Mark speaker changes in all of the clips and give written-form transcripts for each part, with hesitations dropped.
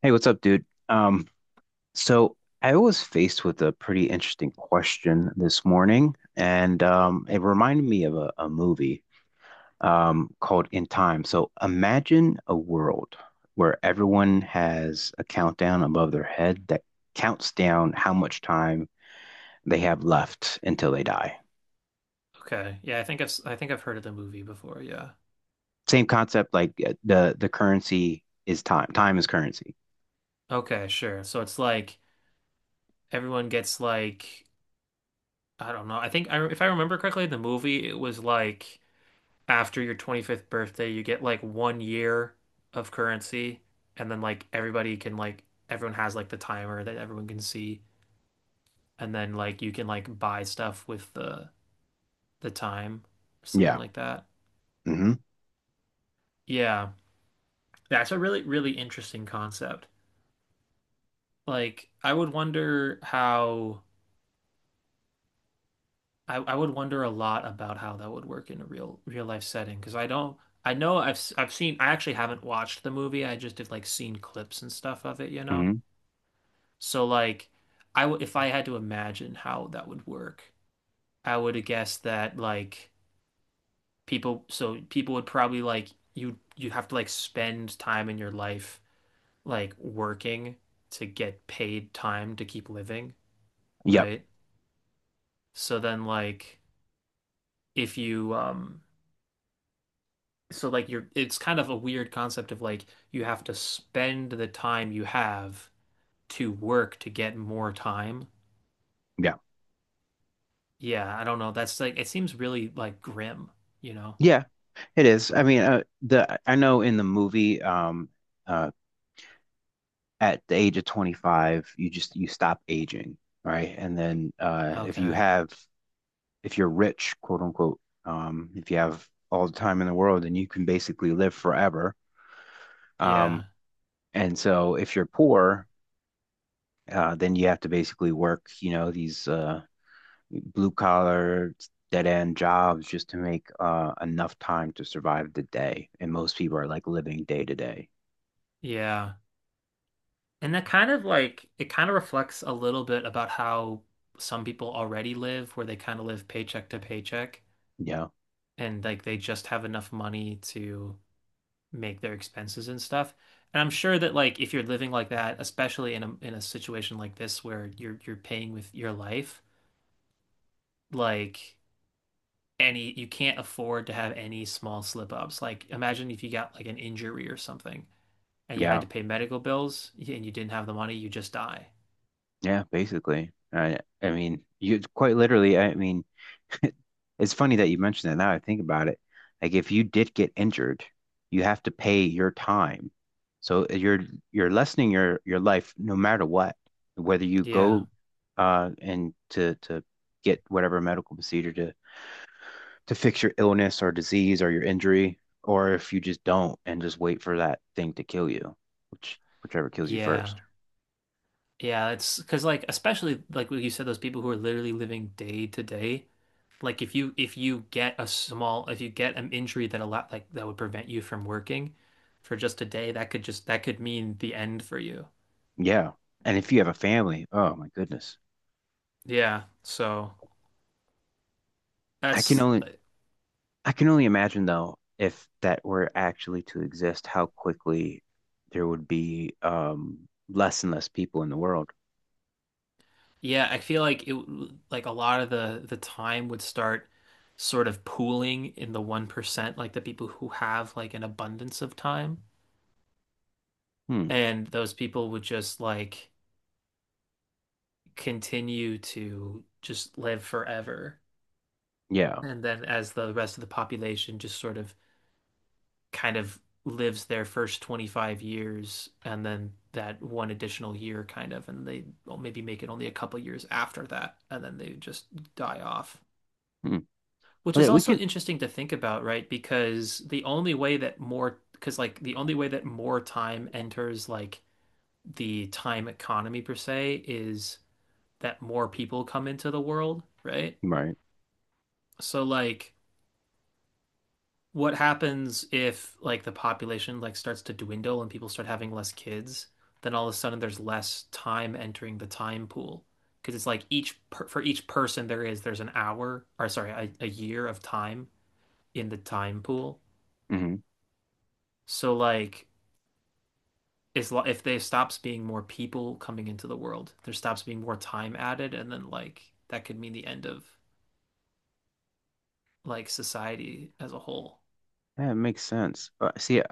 Speaker 1: Hey, what's up, dude? So I was faced with a pretty interesting question this morning, and it reminded me of a movie called In Time. So imagine a world where everyone has a countdown above their head that counts down how much time they have left until they die.
Speaker 2: Okay. Yeah, I think I think I've heard of the movie before. Yeah.
Speaker 1: Same concept, like the currency is time. Time is currency.
Speaker 2: Okay, sure. So it's like everyone gets like I don't know. I think I If I remember correctly, the movie it was like after your 25th birthday, you get like 1 year of currency, and then like everybody can like everyone has like the timer that everyone can see, and then like you can like buy stuff with the time or something
Speaker 1: Yeah.
Speaker 2: like that.
Speaker 1: hmm
Speaker 2: Yeah. That's a really really interesting concept. Like I would wonder how I would wonder a lot about how that would work in a real real life setting because I don't I know I've seen, I actually haven't watched the movie, I just have like seen clips and stuff of it, you know,
Speaker 1: hmm
Speaker 2: so like I w if I had to imagine how that would work, I would guess that like people would probably like you'd have to like spend time in your life like working to get paid time to keep living,
Speaker 1: Yep.
Speaker 2: right? So then like if you so like you're, it's kind of a weird concept of like you have to spend the time you have to work to get more time.
Speaker 1: Yeah.
Speaker 2: Yeah, I don't know. That's like it seems really like grim, you know?
Speaker 1: Yeah, it is. I mean, the I know in the movie, uh, at the age of 25, you stop aging, right? And then if you
Speaker 2: Okay.
Speaker 1: have if you're rich, quote unquote, if you have all the time in the world, then you can basically live forever.
Speaker 2: Yeah.
Speaker 1: Um, and so if you're poor, then you have to basically work, you know, these blue collar dead end jobs just to make enough time to survive the day. And most people are like living day to day.
Speaker 2: Yeah. And that kind of like it kind of reflects a little bit about how some people already live, where they kind of live paycheck to paycheck,
Speaker 1: Yeah.
Speaker 2: and like they just have enough money to make their expenses and stuff. And I'm sure that like if you're living like that, especially in a situation like this where you're paying with your life, like any you can't afford to have any small slip ups. Like imagine if you got like an injury or something and you had
Speaker 1: Yeah,
Speaker 2: to pay medical bills and you didn't have the money, you just die.
Speaker 1: yeah, basically. I mean, you quite literally, I mean, it's funny that you mentioned that now I think about it. Like if you did get injured, you have to pay your time. So you're lessening your life no matter what, whether you
Speaker 2: Yeah.
Speaker 1: go and to get whatever medical procedure to fix your illness or disease or your injury, or if you just don't and just wait for that thing to kill you, which whichever kills you
Speaker 2: Yeah.
Speaker 1: first.
Speaker 2: Yeah, it's because like especially like what you said, those people who are literally living day to day. Like if you get a small, if you get an injury that a lot like that would prevent you from working for just a day, that could just that could mean the end for you.
Speaker 1: Yeah. And if you have a family, oh my goodness.
Speaker 2: Yeah. So
Speaker 1: I can
Speaker 2: that's
Speaker 1: only
Speaker 2: like,
Speaker 1: I can only imagine though if that were actually to exist, how quickly there would be less and less people in the world.
Speaker 2: yeah, I feel like it like a lot of the time would start sort of pooling in the 1%, like the people who have like an abundance of time.
Speaker 1: Hmm.
Speaker 2: And those people would just like continue to just live forever.
Speaker 1: Yeah.
Speaker 2: And then as the rest of the population just sort of kind of lives their first 25 years, and then that one additional year kind of, and they well, maybe make it only a couple years after that, and then they just die off,
Speaker 1: Hmm.
Speaker 2: which
Speaker 1: Well,
Speaker 2: is
Speaker 1: yeah, we
Speaker 2: also
Speaker 1: can.
Speaker 2: interesting to think about, right? Because the only way that more time enters like the time economy per se is that more people come into the world, right?
Speaker 1: Right.
Speaker 2: So like what happens if like the population like starts to dwindle and people start having less kids, then all of a sudden there's less time entering the time pool. Because it's like each per for each person there's an hour, or sorry, a year of time in the time pool.
Speaker 1: Hmm.
Speaker 2: So like as if there stops being more people coming into the world, there stops being more time added, and then like that could mean the end of like society as a whole.
Speaker 1: That makes sense. See,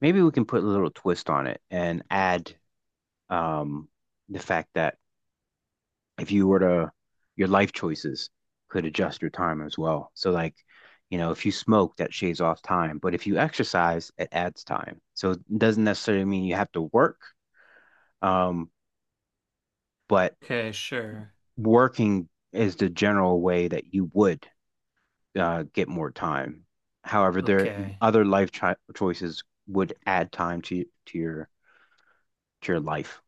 Speaker 1: maybe we can put a little twist on it and add um the fact that if you were to your life choices could adjust your time as well. So like, you know, if you smoke, that shaves off time, but if you exercise, it adds time. So it doesn't necessarily mean you have to work, um, but
Speaker 2: Okay, sure.
Speaker 1: working is the general way that you would get more time. However, there
Speaker 2: Okay.
Speaker 1: other life choices would add time to your life.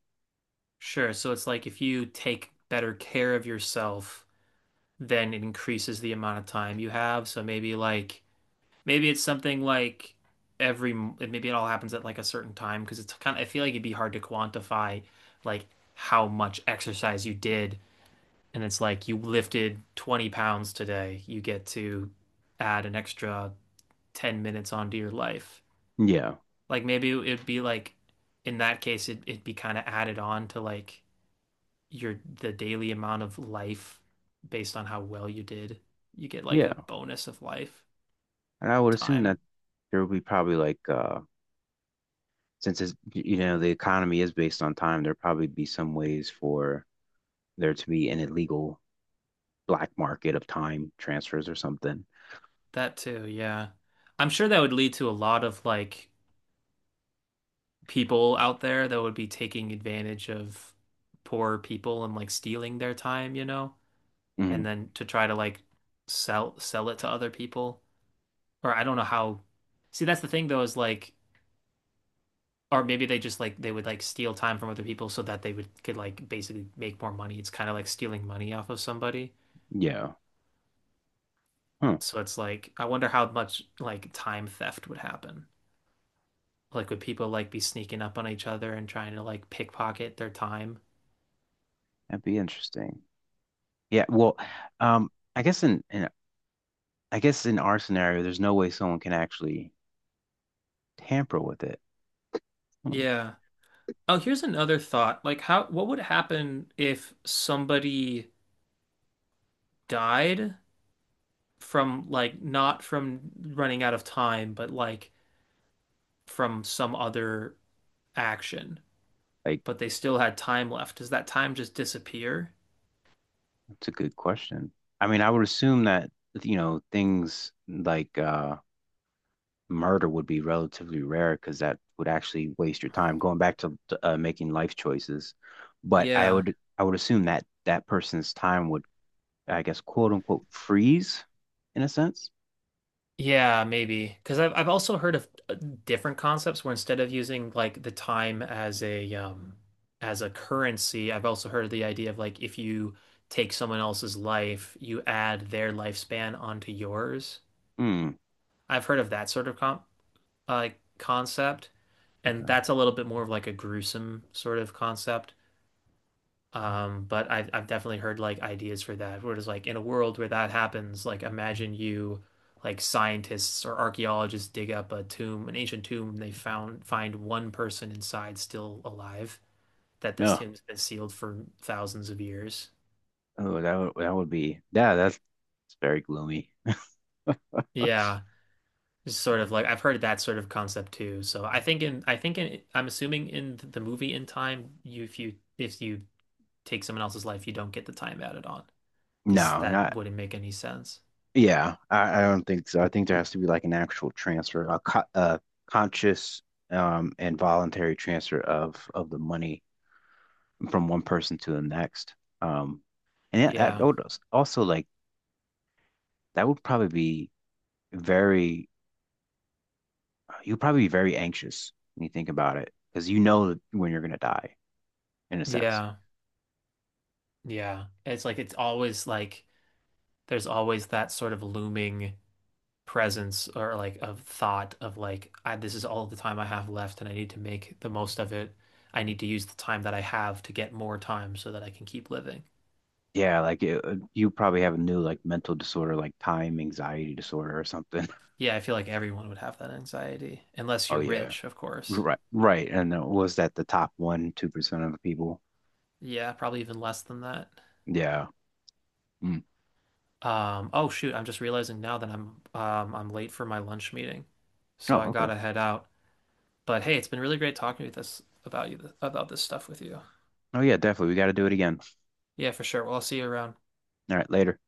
Speaker 2: Sure. So it's like if you take better care of yourself, then it increases the amount of time you have. So maybe like maybe it's something like every maybe it all happens at like a certain time, because it's kind of I feel like it'd be hard to quantify like how much exercise you did. And it's like you lifted 20 pounds today, you get to add an extra 10 minutes onto your life.
Speaker 1: Yeah,
Speaker 2: Like maybe it'd be like in that case it'd be kind of added on to like your the daily amount of life based on how well you did. You get like a
Speaker 1: yeah,
Speaker 2: bonus of life
Speaker 1: and I would assume
Speaker 2: time.
Speaker 1: that there would be probably like since it's, you know the economy is based on time, there probably be some ways for there to be an illegal black market of time transfers or something.
Speaker 2: That too, yeah. I'm sure that would lead to a lot of like people out there that would be taking advantage of poor people and like stealing their time, you know,
Speaker 1: Hmm.
Speaker 2: and then to try to like sell it to other people. Or I don't know how. See, that's the thing though, is like or maybe they just like they would like steal time from other people so that they would could like basically make more money. It's kind of like stealing money off of somebody.
Speaker 1: Yeah, huh.
Speaker 2: So it's like I wonder how much like time theft would happen. Like would people like be sneaking up on each other and trying to like pickpocket their time?
Speaker 1: That'd be interesting. Yeah, well, um, I guess in I guess in our scenario, there's no way someone can actually tamper with it. Hmm.
Speaker 2: Yeah. Oh, here's another thought. Like how what would happen if somebody died from like not from running out of time, but like from some other action?
Speaker 1: Like,
Speaker 2: But they still had time left. Does that time just disappear?
Speaker 1: that's a good question. I mean, I would assume that, you know, things like murder would be relatively rare because that would actually waste your time going back to, making life choices. But I
Speaker 2: Yeah.
Speaker 1: would I would assume that that person's time would I guess, quote unquote, freeze in a sense.
Speaker 2: Yeah, maybe. Because I've also heard of different concepts where instead of using like the time as a currency, I've also heard of the idea of like if you take someone else's life, you add their lifespan onto yours.
Speaker 1: Hmm.
Speaker 2: I've heard of that sort of com uh, concept, and
Speaker 1: Okay.
Speaker 2: that's a little bit more of like a gruesome sort of concept. But I've definitely heard like ideas for that, where it's like in a world where that happens, like imagine you like scientists or archaeologists dig up a tomb, an ancient tomb, and they found find one person inside still alive, that this
Speaker 1: No.
Speaker 2: tomb's been sealed for thousands of years.
Speaker 1: Oh, that would be yeah. That's it's very gloomy.
Speaker 2: Yeah. It's sort of like I've heard of that sort of concept too. So I'm assuming in the movie In Time, you if you take someone else's life, you don't get the time added on, because
Speaker 1: No,
Speaker 2: that
Speaker 1: not
Speaker 2: wouldn't make any sense.
Speaker 1: yeah. I don't think so. I think there has to be like an actual transfer, a conscious and voluntary transfer of the money from one person to the next. Um, and that
Speaker 2: Yeah.
Speaker 1: would also like that would probably be very you'd probably be very anxious when you think about it because you know when you're gonna die. In a sense.
Speaker 2: Yeah. Yeah. It's like it's always like there's always that sort of looming presence, or like of thought of like I, this is all the time I have left and I need to make the most of it. I need to use the time that I have to get more time so that I can keep living.
Speaker 1: Yeah, like it, you probably have a new like mental disorder, like time anxiety disorder or something.
Speaker 2: Yeah, I feel like everyone would have that anxiety unless
Speaker 1: Oh
Speaker 2: you're
Speaker 1: yeah,
Speaker 2: rich, of course.
Speaker 1: right, right. And was that the top one, 2% of the people?
Speaker 2: Yeah, probably even less than that.
Speaker 1: Yeah. Mm.
Speaker 2: Oh shoot, I'm just realizing now that I'm late for my lunch meeting,
Speaker 1: Oh,
Speaker 2: so I
Speaker 1: okay.
Speaker 2: gotta head out. But hey, it's been really great talking with this about you about this stuff with you.
Speaker 1: Oh yeah, definitely. We got to do it again.
Speaker 2: Yeah, for sure. Well, I'll see you around.
Speaker 1: All right, later.